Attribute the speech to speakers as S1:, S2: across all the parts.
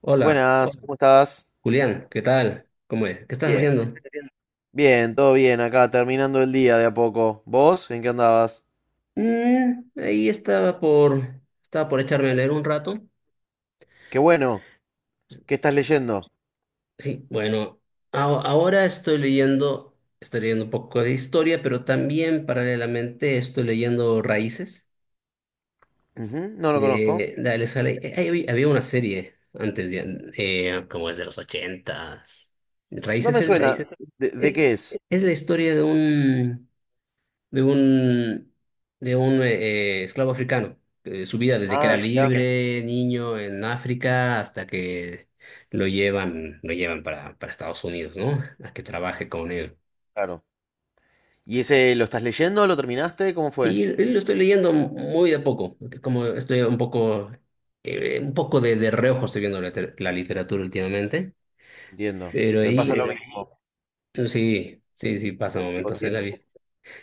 S1: Hola,
S2: Buenas, ¿cómo estás?
S1: Julián, ¿qué tal? ¿Cómo es? ¿Qué estás haciendo?
S2: Bien, todo bien acá, terminando el día de a poco. ¿Vos? ¿En qué andabas?
S1: Ahí estaba por echarme a leer un rato.
S2: Qué bueno, ¿qué estás leyendo?
S1: Sí, bueno, ahora estoy leyendo, un poco de historia, pero también paralelamente estoy leyendo Raíces
S2: Ujú, no lo conozco.
S1: de Alex Haley. Ahí había una serie antes de, como es de los ochentas.
S2: No me
S1: Raíces
S2: me suena. ¿De qué
S1: eh,
S2: es?
S1: es la historia de un, de un esclavo africano. Su vida desde que
S2: Ah,
S1: era
S2: mirá,
S1: libre, niño en África, hasta que lo llevan para Estados Unidos, ¿no? A que trabaje con él.
S2: claro. ¿Y ese lo estás leyendo? ¿Lo terminaste? ¿Cómo fue?
S1: Y lo estoy leyendo muy de a poco, porque como estoy un poco de reojo estoy viendo la literatura últimamente,
S2: Entiendo.
S1: pero
S2: Me pasa
S1: ahí
S2: lo mismo.
S1: sí, sí, sí, pasa momentos en la vida.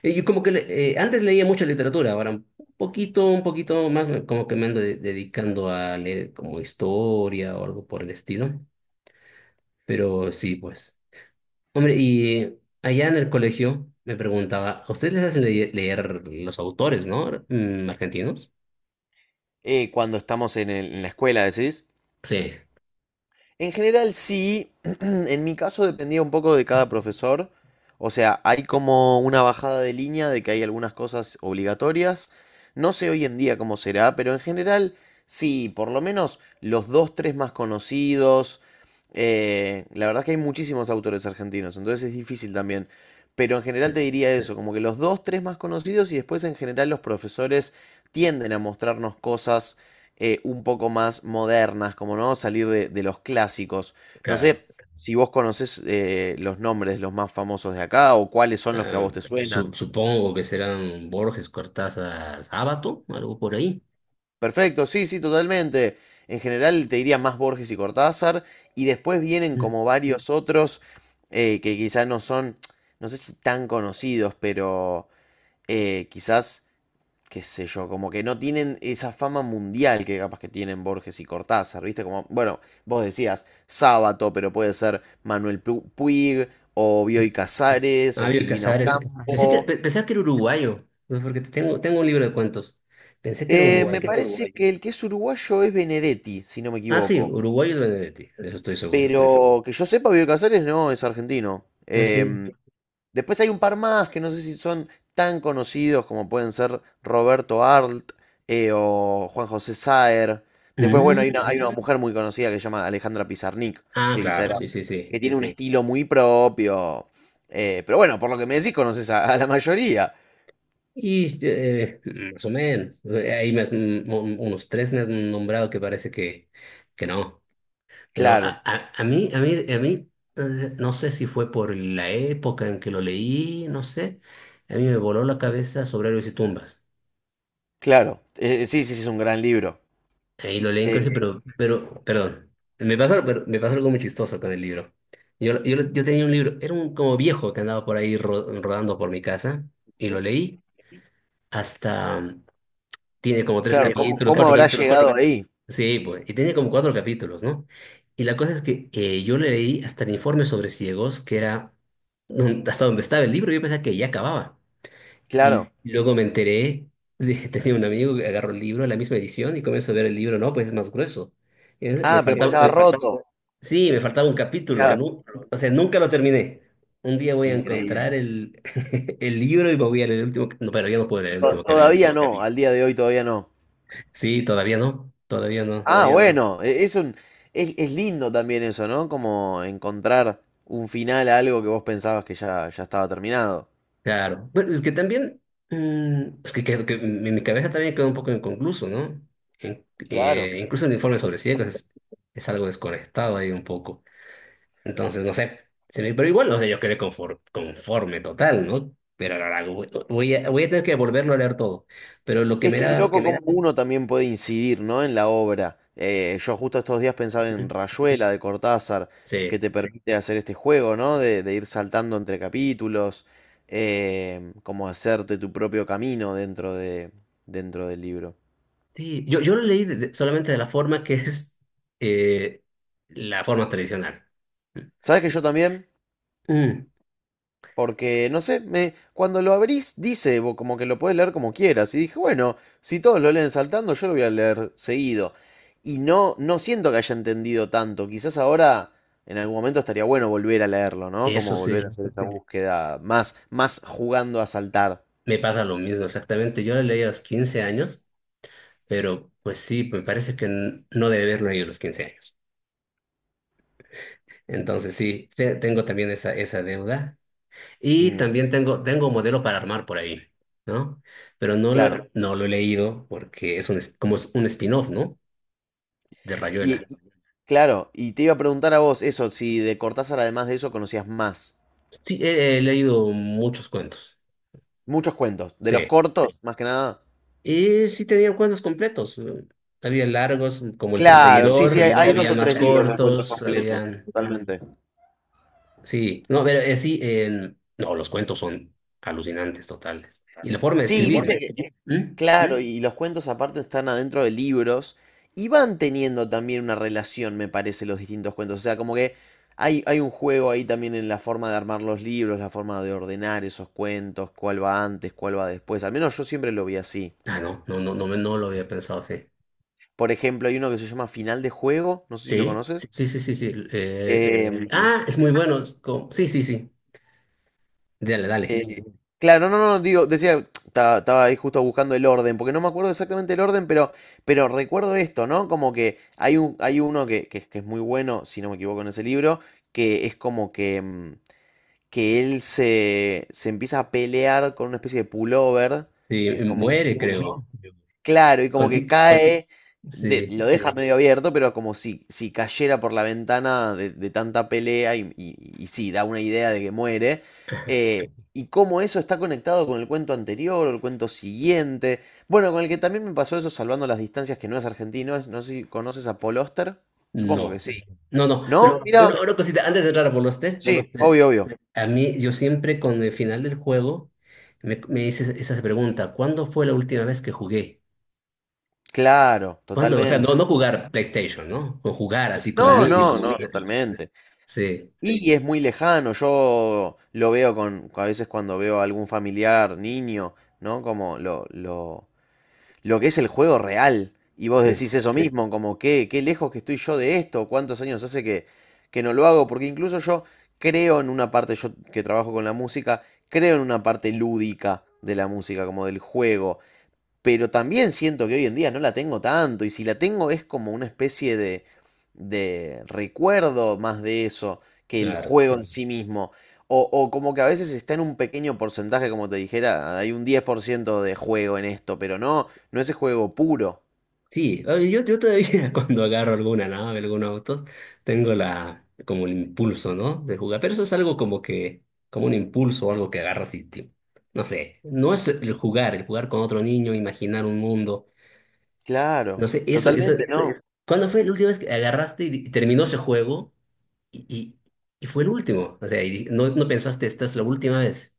S1: Yo como que antes leía mucha literatura, ahora un poquito más como que me ando dedicando a leer como historia o algo por el estilo. Pero sí, pues. Hombre, y allá en el colegio me preguntaba, ¿a ustedes les hacen leer los autores, ¿no? Argentinos?
S2: Cuando estamos en la escuela, ¿decís?
S1: Sí,
S2: En general sí, en mi caso dependía un poco de cada profesor. O sea, hay como una bajada de línea de que hay algunas cosas obligatorias. No sé hoy en día cómo será, pero en general sí, por lo menos los dos, tres más conocidos. La verdad es que hay muchísimos autores argentinos, entonces es difícil también. Pero en general te diría sí, eso, como que los dos, tres más conocidos y después en general los profesores tienden a mostrarnos cosas un poco más modernas, como no salir de los clásicos. No
S1: claro.
S2: sé si vos conocés los nombres de los más famosos de acá o cuáles son los que a
S1: Ah,
S2: vos te suenan.
S1: supongo que serán Borges, Cortázar, Sábato, algo por ahí.
S2: Perfecto, sí, sí, totalmente. En general te diría más Borges y Cortázar y después vienen
S1: Mm.
S2: como varios otros que quizás no son, no sé si tan conocidos, pero quizás qué sé yo, como que no tienen esa fama mundial que capaz que tienen Borges y Cortázar, ¿viste? Como, bueno, vos decías Sábato, pero puede ser Manuel Puig, o Bioy Casares, o
S1: Fabio
S2: Silvina
S1: Casares.
S2: Ocampo.
S1: Pensaba que era uruguayo, ¿no? Porque tengo un libro de cuentos. Pensé que era
S2: Me
S1: uruguayo.
S2: parece que el que es uruguayo es Benedetti, si no me
S1: Ah, sí,
S2: equivoco.
S1: uruguayo es Benedetti, de eso estoy seguro.
S2: Pero que yo sepa, Bioy Casares no es argentino.
S1: Ah, sí.
S2: Después hay un par más que no sé si son tan conocidos como pueden ser Roberto Arlt o Juan José Saer. Después, bueno,
S1: Mm.
S2: hay una mujer muy conocida que se llama Alejandra Pizarnik,
S1: Ah,
S2: que quizá
S1: claro,
S2: era,
S1: sí,
S2: claro,
S1: sí,
S2: que
S1: sí.
S2: sí, tiene un sí. estilo muy propio. Pero bueno, por lo que me decís, conoces a la mayoría.
S1: Y eh, Más o menos. Ahí me has- mm, un- unos tres me han nombrado que parece que no. Pero
S2: Claro,
S1: a mí, no sé si fue por la época en que lo leí, no sé. A mí me voló la cabeza sobre héroes y tumbas.
S2: claro. Sí, sí, sí, es un gran libro.
S1: Ahí lo leí en colegio,
S2: Eh,
S1: perdón. Me pasó, pero me pasó algo muy chistoso con el libro. Yo tenía un libro, era un como viejo que andaba por ahí rodando por mi casa, y lo leí hasta, tiene como tres
S2: claro, sí, la
S1: capítulos,
S2: cómo
S1: cuatro
S2: habrá
S1: capítulos.
S2: pintura llegado solamente ahí?
S1: Sí, pues, y tenía como cuatro capítulos, ¿no? Y la cosa es que yo le leí hasta el informe sobre ciegos, que era hasta donde estaba el libro. Yo pensaba que ya acababa. Y
S2: Claro.
S1: luego me enteré, que tenía un amigo que agarró el libro, la misma edición, y comienzo a ver el libro, no, pues es más grueso. Me
S2: Ah, pero porque
S1: faltaba,
S2: estaba le faltaba, roto.
S1: sí, me faltaba un
S2: Mirá,
S1: capítulo,
S2: era,
S1: o sea, nunca lo terminé. Un día voy
S2: qué
S1: a encontrar
S2: increíble.
S1: el libro y me voy a leer el último, no, pero ya no puedo leer el último capítulo.
S2: Todavía no, al día de hoy todavía no.
S1: Sí, todavía no, todavía no.
S2: Ah, todavía no, bueno, es un, es lindo también eso, ¿no? Como encontrar un final a algo que vos pensabas que ya, ya estaba terminado.
S1: Claro. Bueno, es que también, creo que mi cabeza también quedó un poco inconcluso, ¿no?
S2: Claro.
S1: Incluso el informe sobre ciegos es algo desconectado ahí un poco. Entonces, no sé, pero igual, no sé, yo quedé conforme, conforme total, ¿no? Pero ahora voy a tener que volverlo a leer todo. Pero lo que
S2: Es
S1: me
S2: que Yo es Lo que
S1: da.
S2: loco le cómo da. Uno también puede incidir, ¿no? En la obra. Yo justo estos días pensaba en
S1: Ujú.
S2: Rayuela de Cortázar,
S1: Sí,
S2: que te Sí. permite hacer este juego, ¿no? De ir saltando entre capítulos, como hacerte tu propio camino dentro del libro.
S1: sí, yo lo leí solamente de la forma que es, eh, la forma tradicional.
S2: ¿Sabes que yo también?
S1: Mm,
S2: Porque, no sé, me, cuando lo abrís dice como que lo podés leer como quieras. Y dije, bueno, si todos lo leen saltando, yo lo voy a leer seguido. Y no, no siento que haya entendido tanto. Quizás ahora, en algún momento, estaría bueno volver a leerlo, ¿no?
S1: Eso
S2: Como volver a
S1: sí,
S2: hacer esa búsqueda más, más jugando a saltar.
S1: me pasa lo mismo exactamente. Yo lo leí a los 15 años, pero pues sí, me parece que no debe haberlo leído a los 15 años. Entonces sí, tengo también esa deuda. Y
S2: Mm,
S1: también tengo un modelo para armar por ahí, ¿no? Pero no
S2: claro.
S1: lo, no lo he leído porque como es un spin-off, ¿no? De
S2: Y, y-
S1: Rayuela.
S2: claro, y te iba a preguntar a vos eso, si de Cortázar, además de eso, conocías más.
S1: Sí, he leído muchos cuentos,
S2: Muchos cuentos. De los
S1: sí.
S2: cortos, más que nada.
S1: Y sí tenían cuentos completos. Había largos, como El
S2: Claro, sí, sí, hay,
S1: Perseguidor,
S2: hay dos
S1: había
S2: o
S1: más
S2: tres libros de cuentos
S1: cortos,
S2: completos,
S1: habían...
S2: totalmente.
S1: Sí, no, pero sí, no, los cuentos son alucinantes, totales. Y la forma de
S2: Sí,
S1: escribir, ¿eh?
S2: viste que,
S1: ¿Mm?
S2: claro, y los cuentos aparte están adentro de libros y van teniendo también una relación, me parece, los distintos cuentos. O sea, como que hay un juego ahí también en la forma de armar los libros, la forma de ordenar esos cuentos, cuál va antes, cuál va después. Al menos yo siempre lo vi así.
S1: Ah, no, no, no, no, no lo había pensado.
S2: Por ejemplo, hay uno que se llama Final de Juego, no sé si lo
S1: Sí,
S2: conoces.
S1: sí, sí, sí, sí. Es muy bueno. Sí, sí, sí. Dale, dale.
S2: Eh, claro, no, no, no, digo, decía, estaba ahí justo buscando el orden, porque no me acuerdo exactamente el orden, pero recuerdo esto, ¿no? Como que hay un, hay uno que es muy bueno, si no me equivoco, en ese libro, que es como que, mm, que él se, se empieza a pelear con una especie de pullover,
S1: Sí,
S2: que es como un
S1: muere,
S2: buzo.
S1: creo.
S2: Claro, y como que
S1: Conti-
S2: cae,
S1: Sí,
S2: lo deja medio abierto, pero como si, si cayera por la ventana de tanta pelea y sí, da una idea de que muere. Y cómo eso está conectado con el cuento anterior o el cuento siguiente. Bueno, con el que también me pasó eso, salvando las distancias, que no es argentino, no sé si conoces a Paul Oster. Supongo que
S1: no.
S2: sí.
S1: No, no.
S2: ¿No? No,
S1: Pero
S2: mira, no,
S1: una,
S2: no,
S1: una cosita, antes de entrar a Poloste,
S2: sí, obvio, obvio.
S1: a mí, yo siempre con el final del juego me hice esa pregunta: ¿cuándo fue la última vez que jugué?
S2: Claro,
S1: ¿Cuándo? O sea, no,
S2: totalmente.
S1: no jugar PlayStation, ¿no? O jugar así
S2: No,
S1: como
S2: claro, es no, como no,
S1: niños.
S2: lejos, totalmente.
S1: Sí,
S2: Sí. Y es muy lejano, yo lo veo con, a veces cuando veo a algún familiar, niño, ¿no? Como lo que es el juego real. Y vos
S1: sí,
S2: decís eso Sí. mismo, como qué, qué lejos que estoy yo de esto, cuántos años hace que no lo hago, porque incluso yo creo en una parte, yo que trabajo con la música, creo en una parte lúdica de la música, como del juego, pero también siento que hoy en día no la tengo tanto, y si la tengo es como una especie de recuerdo más de eso que el
S1: claro.
S2: juego en Claro. sí mismo. O como que a veces está en un pequeño porcentaje, como te dijera, hay un 10% de juego en esto, pero no, no ese juego puro.
S1: Sí, a ver, yo todavía cuando agarro alguna nave, algún auto, tengo como el impulso, ¿no? De jugar, pero eso es algo como que, como un impulso o algo que agarras no sé, no es el jugar, con otro niño, imaginar un mundo, no
S2: Claro,
S1: sé,
S2: totalmente, no es
S1: ¿cuándo fue la última vez que agarraste y terminó ese juego y, y, y fue el último? O sea, no, no pensaste, esta es la última vez,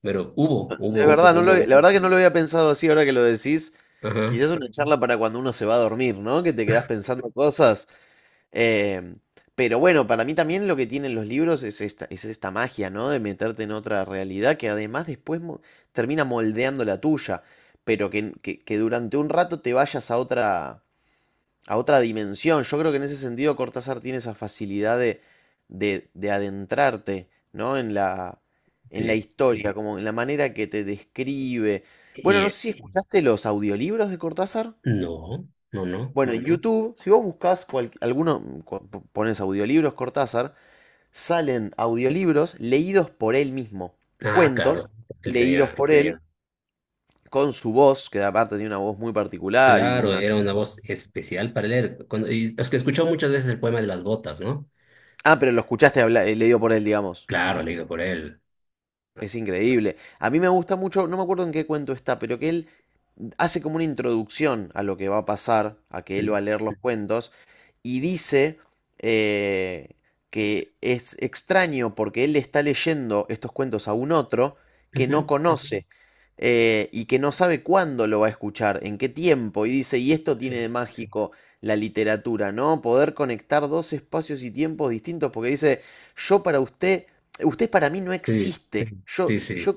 S1: pero hubo una
S2: verdad, no lo,
S1: última
S2: algo la
S1: vez.
S2: verdad que no lo había pensado así ahora que lo decís.
S1: Ajá,
S2: Quizás una charla para cuando uno se va a dormir, ¿no? Que te quedás pensando cosas. Eh, pero bueno, para mí también lo que tienen los libros es esta magia, ¿no? De meterte en otra realidad que además después termina moldeando la tuya, pero que, que durante un rato te vayas a otra dimensión. Yo creo que en ese sentido Cortázar tiene esa facilidad de adentrarte, ¿no? En la
S1: sí.
S2: historia, Sí. como en la manera que te describe. Bueno,
S1: Y
S2: no
S1: eh,
S2: sé si Sí. escuchaste los audiolibros de Cortázar.
S1: no, no, no.
S2: Bueno, YouTube, si vos buscás alguno, pones audiolibros Cortázar, salen audiolibros leídos por él mismo, qué
S1: Ah, claro,
S2: cuentos
S1: él
S2: leídos qué
S1: tenía,
S2: por él con su voz, que aparte tiene una voz muy particular y
S1: claro,
S2: una...
S1: era una voz especial para leer. Y es que escuchó muchas veces el poema de las gotas, ¿no?
S2: Ah, pero lo escuchaste leído por él, digamos.
S1: Claro, leído por él.
S2: Es increíble. A mí me gusta mucho, no me acuerdo en qué cuento está, pero que él hace como una introducción a lo que va a pasar, a que él
S1: Mm.
S2: va a leer los cuentos, y dice eh, que es extraño porque él le está leyendo estos cuentos a un otro que no
S1: Ujú.
S2: conoce, y que no sabe cuándo lo va a escuchar, en qué tiempo, y dice, y esto
S1: Sí,
S2: tiene de mágico la literatura, ¿no? Poder conectar dos espacios y tiempos distintos, porque dice, yo para usted, usted para mí no
S1: sí,
S2: existe. Sí,
S1: sí, sí,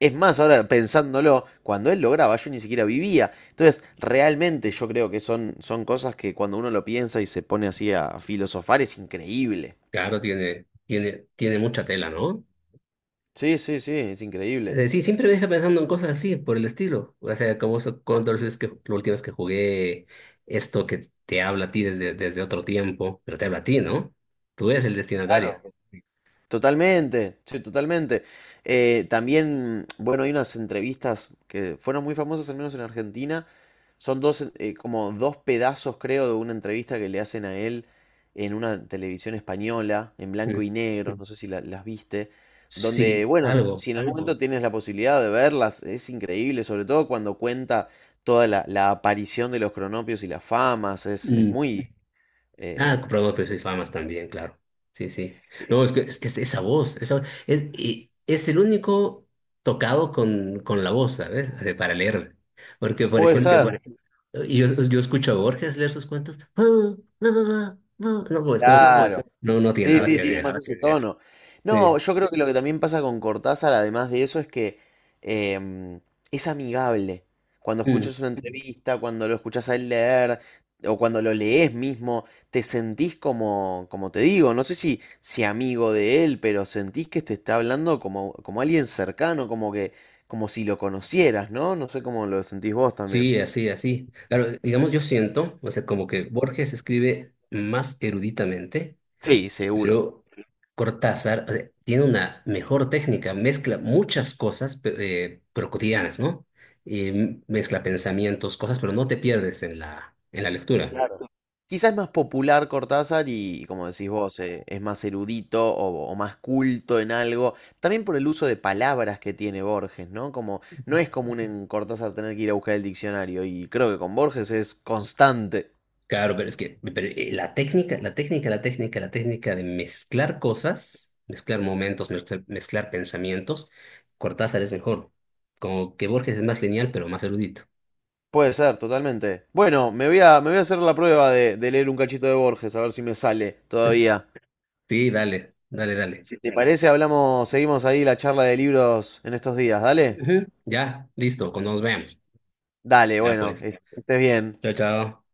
S2: es más, ahora pensándolo, cuando él lo graba, yo ni siquiera vivía. Entonces, realmente yo creo que son, son cosas que cuando uno lo piensa y se pone así a filosofar es increíble.
S1: claro, tiene mucha tela, ¿no?
S2: Sí, sí, sí, es increíble.
S1: Sí, siempre me deja pensando en cosas así, por el estilo. O sea, como eso, cuando es que la última vez que jugué, esto que te habla a ti desde otro tiempo, pero te habla a ti, ¿no? Tú eres el
S2: Claro.
S1: destinatario.
S2: Totalmente, sí, totalmente. También, bueno, hay unas entrevistas que fueron muy famosas, al menos en Argentina. Son dos, como dos pedazos, creo, de una entrevista que le hacen a él en una televisión española, en
S1: Mm.
S2: blanco y negro. Sí, no sé si las viste, donde,
S1: Sí,
S2: bueno, sí,
S1: algo.
S2: si en algún algo. Momento tienes la posibilidad de verlas, es increíble, sobre todo cuando cuenta toda la, la aparición de los cronopios y las famas, es
S1: Mm,
S2: muy...
S1: Ah,
S2: eh,
S1: comprador de precios y famas también, claro. Sí, sí. No, es que es esa voz, y es el único tocado con la voz, ¿sabes? Así, para leerla. Porque, por
S2: puede Porque, por
S1: ejemplo,
S2: ser,
S1: y yo escucho a Borges leer sus cuentos. "Ah, ah, ah, ah". No, pues no,
S2: claro.
S1: no, no tiene
S2: Sí,
S1: nada
S2: sí,
S1: que
S2: tiene
S1: ver.
S2: más ese tono.
S1: Sí.
S2: No, yo creo que lo que también pasa con Cortázar, además de eso, es que em, es amigable. Cuando
S1: Mm.
S2: escuchas una entrevista, cuando lo escuchas a él leer, o cuando lo lees mismo, te sentís como, como te digo, no sé si, si amigo de él, pero sentís que te está hablando como, como alguien cercano, como que, como si lo conocieras, ¿no? No sé cómo lo sentís vos también.
S1: Sí, así, así. Claro, digamos, yo siento, o sea, como que Borges escribe más eruditamente.
S2: Sí, seguro.
S1: Pero Cortázar, o sea, tiene una mejor técnica, mezcla muchas cosas, pero cotidianas, ¿no? Y mezcla pensamientos, cosas, pero no te pierdes en la lectura.
S2: Quizás es más popular Cortázar y, como decís vos, es más erudito o más culto en algo. También por el uso de palabras que tiene Borges, ¿no? Como no es común en Cortázar tener que ir a buscar el diccionario y creo que con Borges es constante.
S1: Claro, la técnica de mezclar cosas, mezclar momentos, mezclar pensamientos, Cortázar es mejor. Como que Borges es más lineal, pero más erudito.
S2: Puede ser, totalmente. Bueno, me voy a hacer la prueba de leer un cachito de Borges, a ver si me sale todavía.
S1: Sí, dale, dale, dale.
S2: Si te parece, hablamos, seguimos ahí la charla de libros en estos días, ¿dale?
S1: Ujú. Ya, listo, cuando nos veamos.
S2: Dale,
S1: Ya
S2: bueno,
S1: pues.
S2: estés bien.
S1: Chao, chao.